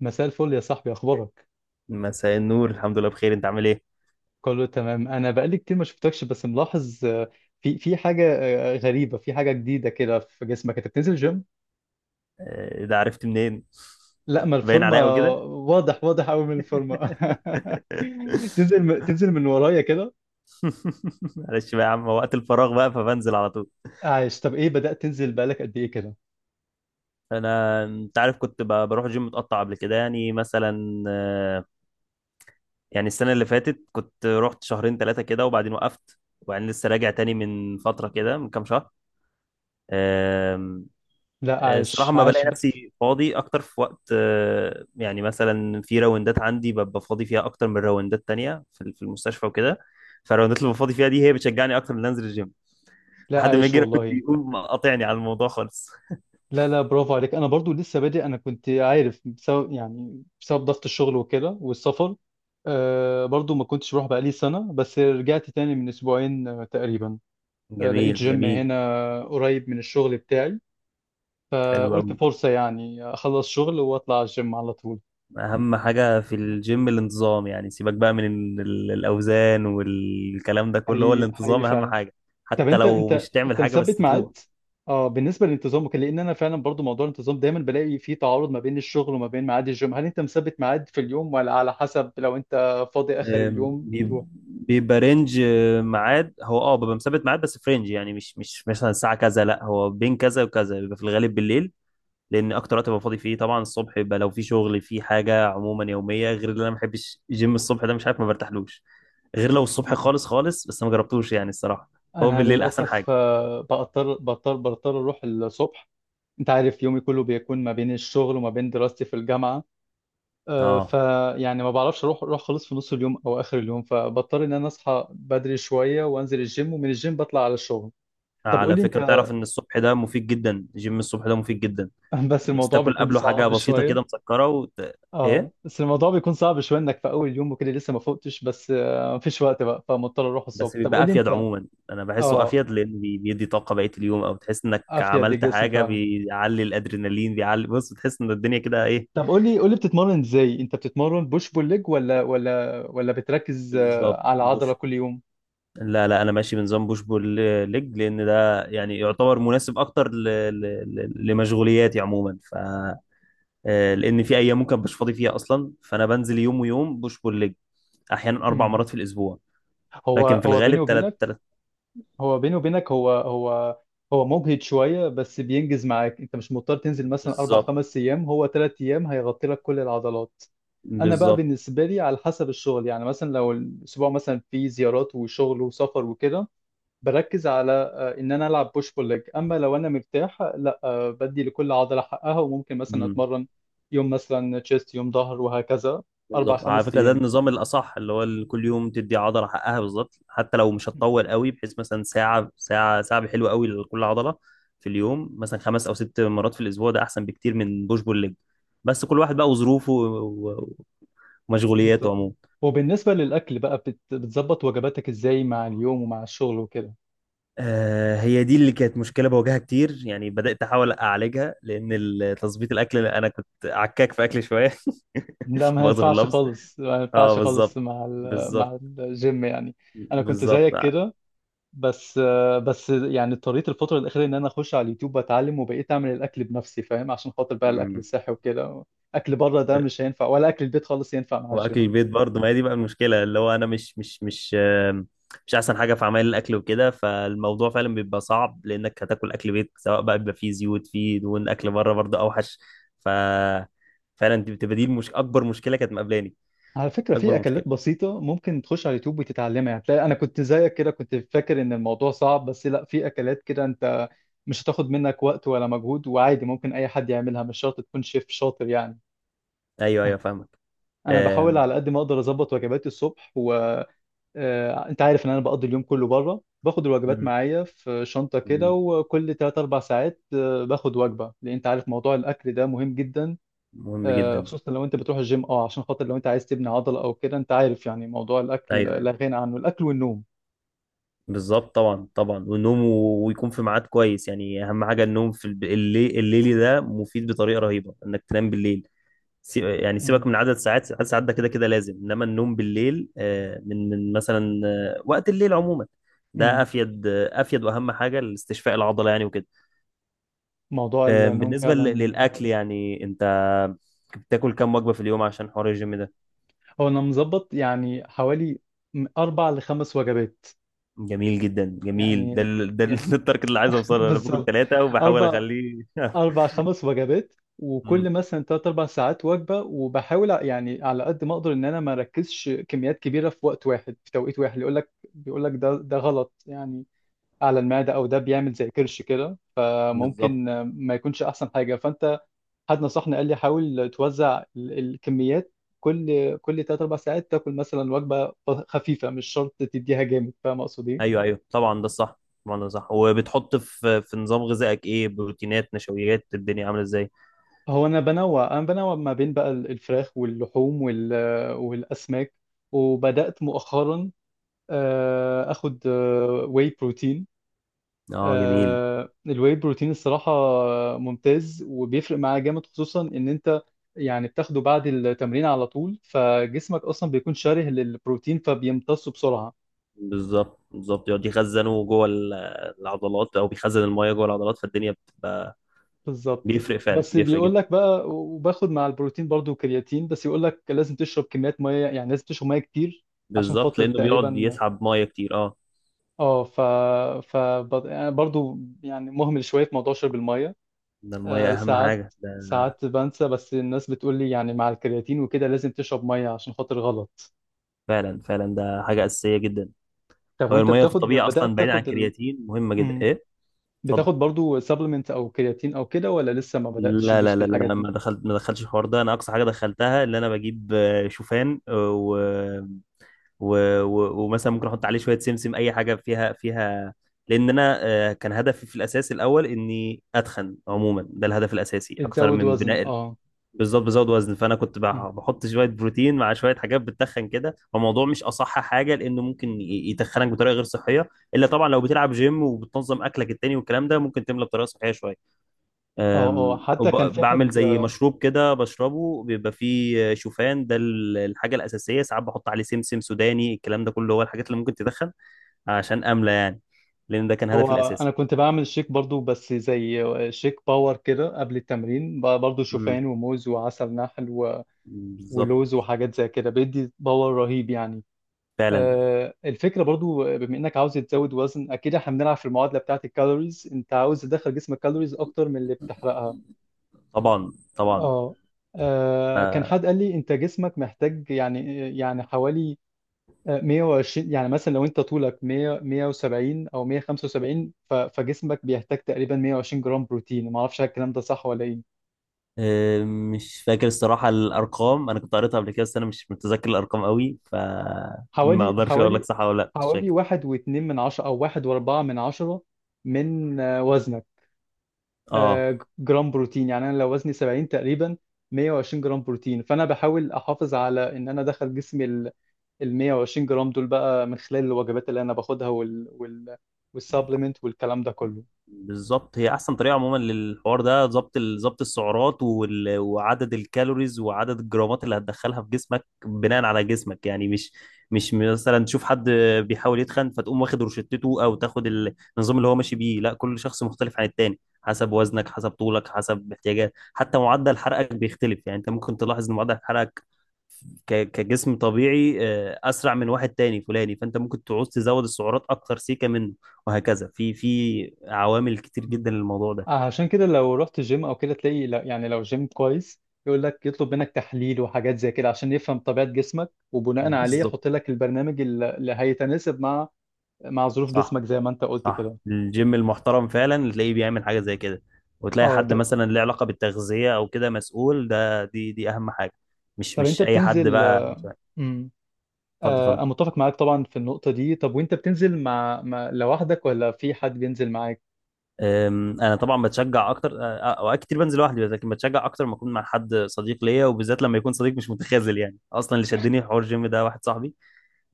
مساء الفل يا صاحبي، اخبارك؟ مساء النور، الحمد لله بخير. انت عامل ايه؟ كله تمام. انا بقالي كتير ما شفتكش، بس ملاحظ في حاجه. غريبه، في حاجه جديده كده في جسمك، انت بتنزل جيم؟ ده عرفت منين؟ لا، ما باين الفورمه عليا قوي كده. واضح، واضح قوي من الفورمه. تنزل من ورايا كده. معلش بقى يا عم، وقت الفراغ بقى فبنزل على طول. عايش؟ طب ايه، بدأت تنزل بقالك قد ايه كده؟ انا انت عارف كنت بروح جيم متقطع قبل كده، يعني مثلا يعني السنه اللي فاتت كنت رحت شهرين ثلاثه كده، وبعدين وقفت، وبعدين لسه راجع تاني من فتره كده، من كام شهر. لا الصراحة عايش، ما بلاقي نفسي فاضي أكتر في وقت، يعني مثلا في راوندات عندي ببقى فاضي فيها أكتر من راوندات تانية في في المستشفى وكده، فالراوندات اللي ببقى فاضي فيها دي هي بتشجعني أكتر من أنزل الجيم، لا لحد ما عايش يجي راجل والله. يقوم قاطعني على الموضوع خالص. لا برافو عليك. انا برضو لسه بادئ. انا كنت عارف بسبب يعني بسبب ضغط الشغل وكده والسفر. آه برضو ما كنتش بروح بقالي سنة، بس رجعت تاني من اسبوعين تقريبا. آه لقيت جميل جيم جميل. هنا قريب من الشغل بتاعي. آه حلو قلت أوي. فرصة يعني اخلص شغل واطلع على الجيم على طول. أهم حاجة في الجيم الانتظام، يعني سيبك بقى من الأوزان والكلام ده كله، هو حقيقي حقيقي الانتظام أهم فعلا. حاجة، طب حتى انت، لو انت مش تعمل انت حاجة بس مثبت تروح. ميعاد؟ اه بالنسبه للانتظام وكده، لان انا فعلا برضو موضوع الانتظام دايما بلاقي فيه تعارض ما بين الشغل وما بين ميعاد الجيم. هل انت مثبت ميعاد في اليوم، ولا على حسب لو انت فاضي اخر آم، اليوم بيب- تروح؟ بيبقى رينج، ميعاد، هو ببقى مثبت ميعاد بس في رينج، يعني مش مثلا الساعه كذا، لا هو بين كذا وكذا، بيبقى في الغالب بالليل، لان اكتر وقت ببقى فاضي فيه. طبعا الصبح يبقى لو في شغل في حاجه عموما يوميه، غير اللي انا ما بحبش جيم الصبح ده، مش عارف، ما برتاحلوش، غير لو الصبح مم. خالص خالص، بس ما جربتوش يعني الصراحه. هو انا بالليل احسن حاجه. للاسف بضطر اروح الصبح. انت عارف يومي كله بيكون ما بين الشغل وما بين دراستي في الجامعه. اه، فيعني ما بعرفش اروح، خالص في نص اليوم او اخر اليوم، فبضطر ان انا اصحى بدري شويه وانزل الجيم، ومن الجيم بطلع على الشغل. طب قول على لي انت. فكره تعرف ان الصبح ده مفيد جدا، جيم الصبح ده مفيد جدا، بس بس الموضوع تاكل بيكون قبله حاجه صعب بسيطه شوية. كده مسكره اه ايه. بس الموضوع بيكون صعب شوية، انك في اول يوم وكده لسه ما فوقتش، بس مفيش وقت بقى فمضطر اروح الصبح. بس طب بيبقى قول لي افيد انت. عموما، انا بحسه اه افيد، لان بيدي طاقه بقيه اليوم، او تحس انك افيد عملت للجسم حاجه، فعلا. بيعلي الادرينالين، بيعلي، بص، بتحس ان الدنيا كده ايه. طب قول لي، قول لي بتتمرن ازاي، انت بتتمرن بوش بول ليج ولا بتركز بالظبط، على عضلة بوش. كل يوم؟ لا لا، انا ماشي بنظام بوش بول ليج، لان ده يعني يعتبر مناسب اكتر لمشغولياتي عموما. ف آه، لان في ايام ممكن مش فاضي فيها اصلا، فانا بنزل يوم ويوم بوش بول ليج. احيانا 4 امم. مرات في الاسبوع، هو لكن في هو بيني الغالب ثلاث وبينك. ثلاث هو بيني وبينك، هو هو مجهد شوية بس بينجز معاك. انت مش مضطر تنزل مثلا اربع بالظبط، خمس ايام، هو ثلاث ايام هيغطي لك كل العضلات. انا بقى بالظبط، بالنسبه لي على حسب الشغل، يعني مثلا لو الاسبوع مثلا فيه زيارات وشغل وسفر وكده بركز على ان انا العب بوش بول ليج. اما لو انا مرتاح لا، بدي لكل عضله حقها، وممكن مثلا اتمرن يوم مثلا تشيست يوم ظهر وهكذا، اربع بالظبط. على خمس فكره ده ايام. النظام الاصح، اللي هو كل يوم تدي عضله حقها بالظبط، حتى لو مش هتطول قوي، بحيث مثلا ساعه ساعه، ساعه حلوه قوي لكل عضله في اليوم، مثلا 5 أو 6 مرات في الاسبوع، ده احسن بكتير من بوش بول ليج، بس كل واحد بقى وظروفه ومشغولياته بالظبط. عموما. وبالنسبه للاكل بقى، بتظبط وجباتك ازاي مع اليوم ومع الشغل وكده؟ آه، هي دي اللي كانت مشكله بواجهها كتير، يعني بدات احاول اعالجها، لان تظبيط الاكل، انا كنت عكاك في اكل شويه. لا ما مؤاخذه في ينفعش اللفظ. خالص، ما ينفعش اه خالص بالظبط، مع بالظبط، مع الجيم يعني. انا كنت بالظبط. زيك كده، بس يعني اضطريت الفترة الأخيرة إن أنا أخش على اليوتيوب وأتعلم، وبقيت أعمل الأكل بنفسي فاهم، عشان خاطر بقى الأكل مم. الصحي وكده. أكل بره ده مش هينفع، ولا أكل البيت خالص ينفع مع واكل الجيم. البيت برضه، ما هي دي بقى المشكله، اللي هو انا مش احسن حاجه في عمل الاكل وكده، فالموضوع فعلا بيبقى صعب، لانك هتاكل اكل بيت سواء بقى، بيبقى فيه زيوت، فيه دهون، اكل بره برضه اوحش. ف فعلا دي بتبقى، دي اكبر مشكله كانت مقابلاني. على فكرة اكبر في مشكله. أكلات بسيطة ممكن تخش على اليوتيوب وتتعلمها يعني، تلاقي أنا كنت زيك كده كنت فاكر إن الموضوع صعب، بس لا، في أكلات كده أنت مش هتاخد منك وقت ولا مجهود، وعادي ممكن أي حد يعملها، مش شرط تكون شيف شاطر يعني. ايوه ايوه فاهمك. أنا بحاول آم، على قد ما أقدر أظبط وجباتي الصبح و... انت عارف ان انا بقضي اليوم كله بره، باخد الوجبات مم، معايا في شنطه كده، جميل. وكل 3 4 ساعات باخد وجبه، لان انت عارف موضوع الاكل ده مهم جدا. مهم جدا. خصوصا لو انت بتروح الجيم، اه عشان خاطر لو انت عايز تبني عضله او كده، انت عارف يعني موضوع الاكل ايوه ايوه، لا غنى عنه، الاكل والنوم. بالظبط طبعا، طبعا، والنوم ويكون في ميعاد كويس، يعني اهم حاجه النوم في الليل، الليلي ده مفيد بطريقه رهيبه انك تنام بالليل. يعني مم. سيبك من عدد ساعات، عدد ساعات ده كده كده لازم، انما النوم بالليل من مثلا وقت الليل عموما ده مم. افيد، افيد، واهم حاجه لاستشفاء العضله يعني وكده. موضوع النوم بالنسبه فعلا. للاكل يعني، انت بتاكل كام وجبه في اليوم عشان حوار الجيم ده؟ هو انا مظبط يعني حوالي من اربع لخمس وجبات. جميل جدا، جميل، يعني، يعني التارجت اللي عايز اوصله، انا باكل بالظبط. ثلاثه وبحاول اربع، اخليه. أربع خمس وجبات، مم، وكل مثلا تلات أربع ساعات وجبة، وبحاول يعني على قد ما أقدر إن أنا ما أركزش كميات كبيرة في وقت واحد في توقيت واحد. يقول لك، بيقول لك ده غلط يعني على المعدة، أو ده بيعمل زي كرش كده، بالظبط. فممكن ما يكونش أحسن حاجة. فأنت، حد نصحني قال لي حاول توزع الكميات، كل تلات أربع ساعات تاكل مثلا وجبة خفيفة، مش شرط تديها جامد، فاهم أقصد إيه؟ ايوه ايوه طبعا، ده الصح. طبعا ده صح. وبتحط في نظام غذائك ايه؟ بروتينات، نشويات، الدنيا عامله ازاي؟ هو انا بنوع، انا بنوع ما بين بقى الفراخ واللحوم والاسماك. وبدات مؤخرا اخد واي بروتين. اه جميل. الواي بروتين الصراحه ممتاز، وبيفرق معاه جامد، خصوصا ان انت يعني بتاخده بعد التمرين على طول، فجسمك اصلا بيكون شره للبروتين فبيمتصه بسرعه. بالظبط بالظبط، يقعد يخزنه جوه العضلات، او بيخزن المايه جوه العضلات، فالدنيا بتبقى بالظبط. بيفرق فعلا، بس بيفرق بيقول جدا. لك بقى، وباخد مع البروتين برضو كرياتين، بس يقول لك لازم تشرب كميات ميه، يعني لازم تشرب ميه كتير عشان بالظبط، خاطر لانه بيقعد تقريبا. يسحب مايه كتير. اه، اه ف يعني برضو يعني مهمل شويه في موضوع شرب الميه. ده المايه اهم ساعات، حاجه ده. بنسى، بس الناس بتقول لي يعني مع الكرياتين وكده لازم تشرب ميه عشان خاطر غلط. فعلا فعلا، ده حاجه اساسيه جدا. طب هو وانت المايه في بتاخد، الطبيعه اصلا، بدأت بعيد عن تاخد الكرياتين، مهمه جدا، مم. ايه. اتفضل. بتاخد برضو سبلمنت او كرياتين او كده، ولا لسه ما بدأتش لا تدوس لا في لا لا الحاجات لا، دي؟ ما دخلتش الحوار ده، انا اقصى حاجه دخلتها اللي انا بجيب شوفان، و... ومثلا ممكن احط عليه شويه سمسم، اي حاجه فيها، لان انا كان هدفي في الاساس الاول اني اتخن عموما، ده الهدف الاساسي اكتر تزود من وزن بناء اه. بالظبط. بزود وزن، فانا كنت مم. بحط شويه بروتين مع شويه حاجات بتتخن كده، فالموضوع مش اصح حاجه، لانه ممكن يتخنك بطريقه غير صحيه، الا طبعا لو بتلعب جيم وبتنظم اكلك التاني والكلام ده، ممكن تملى بطريقه صحيه شويه. اه، اه حتى كان في وبعمل حد. زي مشروب كده بشربه، بيبقى فيه شوفان، ده الحاجة الأساسية. ساعات بحط عليه سمسم، سوداني، الكلام ده كله هو الحاجات اللي ممكن تدخن، عشان أملى يعني، لأن ده كان هدفي هو انا الأساسي. كنت بعمل شيك برضو بس زي شيك باور كده قبل التمرين برضو امم، شوفان وموز وعسل نحل بالظبط. ولوز وحاجات زي كده، بيدي باور رهيب يعني. فعلا، الفكره برضو بما انك عاوز تزود وزن، اكيد احنا بنلعب في المعادله بتاعت الكالوريز، انت عاوز تدخل جسمك كالوريز اكتر من اللي بتحرقها. طبعا طبعا. اه. كان ف- حد قال لي انت جسمك محتاج يعني، يعني حوالي 120. يعني مثلا لو انت طولك 100 170 او 175، فجسمك بيحتاج تقريبا 120 جرام بروتين. ما اعرفش الكلام ده صح ولا ايه. أم، مش فاكر الصراحة الأرقام، أنا كنت قريتها قبل كده، بس أنا مش متذكر الأرقام قوي، فما حوالي، أقدرش أقول لك حوالي صح ولا لأ، مش حوالي فاكر. واحد واتنين من عشرة أو واحد وأربعة من عشرة من وزنك اه جرام بروتين. يعني أنا لو وزني 70 تقريبا، 120 جرام بروتين، فأنا بحاول أحافظ على إن أنا أدخل جسمي ال 120 جرام دول بقى من خلال الوجبات اللي أنا باخدها وال والسبلمنت والكلام ده كله. بالظبط، هي احسن طريقه عموما للحوار ده، ضبط ضبط السعرات وعدد الكالوريز وعدد الجرامات اللي هتدخلها في جسمك بناء على جسمك، يعني مش مثلا تشوف حد بيحاول يتخن فتقوم واخد روشتته او تاخد النظام اللي هو ماشي بيه، لا كل شخص مختلف عن التاني، حسب وزنك، حسب طولك، حسب احتياجات، حتى معدل حرقك بيختلف، يعني انت ممكن تلاحظ ان معدل حرقك كجسم طبيعي اسرع من واحد تاني فلاني، فانت ممكن تعوز تزود السعرات اكتر سيكه منه وهكذا. في عوامل كتير جدا للموضوع ده. عشان كده لو رحت جيم او كده تلاقي يعني لو جيم كويس يقول لك، يطلب منك تحليل وحاجات زي كده عشان يفهم طبيعة جسمك، وبناء عليه بالظبط. يحط لك البرنامج اللي هيتناسب مع، مع ظروف صح، جسمك زي ما انت قلت صح، كده. الجيم المحترم فعلا تلاقيه بيعمل حاجه زي كده، وتلاقي اه حد طب. مثلا له علاقه بالتغذيه او كده مسؤول، ده دي اهم حاجه، مش طب انت مش اي حد بتنزل. بقى. اتفضل. امم. آه انا اتفضل. متفق معاك طبعا في النقطة دي. طب وانت بتنزل مع لوحدك ولا في حد بينزل معاك؟ انا طبعا بتشجع اكتر، أه، آه، اوقات كتير بنزل لوحدي بس، لكن بتشجع اكتر ما اكون مع حد صديق ليا، وبالذات لما يكون صديق مش متخاذل، يعني اصلا اللي شدني في حوار الجيم ده واحد صاحبي،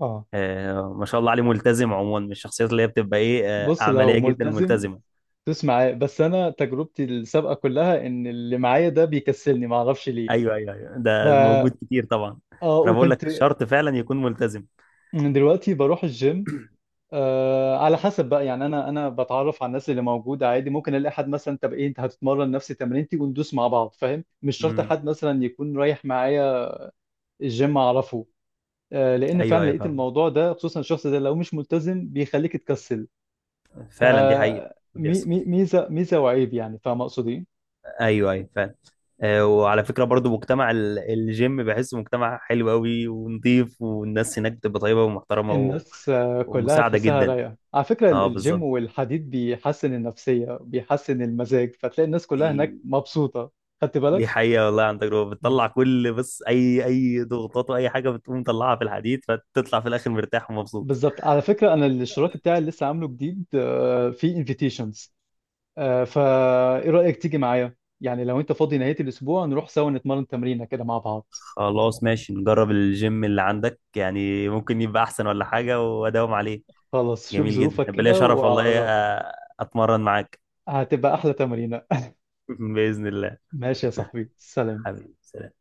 اه ما شاء الله عليه، ملتزم عموما، من الشخصيات اللي هي بتبقى ايه، بص لو عمليه جدا ملتزم وملتزمه. تدوس معاه، بس انا تجربتي السابقة كلها ان اللي معايا ده بيكسلني، ما اعرفش ليه. ايوه ايوه ايوه، ف ده موجود كتير طبعا. اه انا بقول لك وكنت. شرط فعلا يكون ملتزم. أنا دلوقتي بروح الجيم على حسب بقى، يعني انا بتعرف على الناس اللي موجوده عادي، ممكن الاقي حد مثلا طب ايه انت هتتمرن نفس تمرينتي وندوس مع بعض، فاهم؟ مش شرط امم. حد مثلا يكون رايح معايا الجيم اعرفه. آه لان ايوه فعلا ايوه لقيت فاهم، الموضوع ده، خصوصا الشخص ده لو مش ملتزم بيخليك تكسل. فعلا دي حقيقه، مي بيحصل. مي ميزه، وعيب يعني، فاهم اقصد ايه؟ ايوه ايوه فعلا. وعلى فكره برضو، مجتمع الجيم بحسه مجتمع حلو قوي ونضيف، والناس هناك بتبقى طيبه ومحترمه الناس كلها ومساعده تحسها جدا. رايقه على فكره. اه الجيم بالظبط، والحديد بيحسن النفسيه، بيحسن المزاج، فتلاقي الناس كلها هناك دي مبسوطه. خدت دي بالك. حقيقة والله، عن تجربة بتطلع كل، بس أي أي ضغوطات وأي حاجة بتقوم مطلعها في الحديد، فتطلع في الآخر مرتاح ومبسوط. بالظبط. على فكرة أنا الاشتراك بتاعي اللي لسه عامله جديد فيه انفيتيشنز، فا إيه رأيك تيجي معايا؟ يعني لو أنت فاضي نهاية الأسبوع نروح سوا نتمرن تمرينة كده مع بعض. خلاص ماشي، نجرب الجيم اللي عندك، يعني ممكن يبقى أحسن ولا حاجة وأداوم عليه. خلاص شوف جميل جدا، ظروفك هيبقى ليا كده شرف والله، وأعرف. أ- أتمرن معاك. هتبقى أحلى تمرينة. بإذن الله. ماشي يا صاحبي، سلام. حبيبي سلام.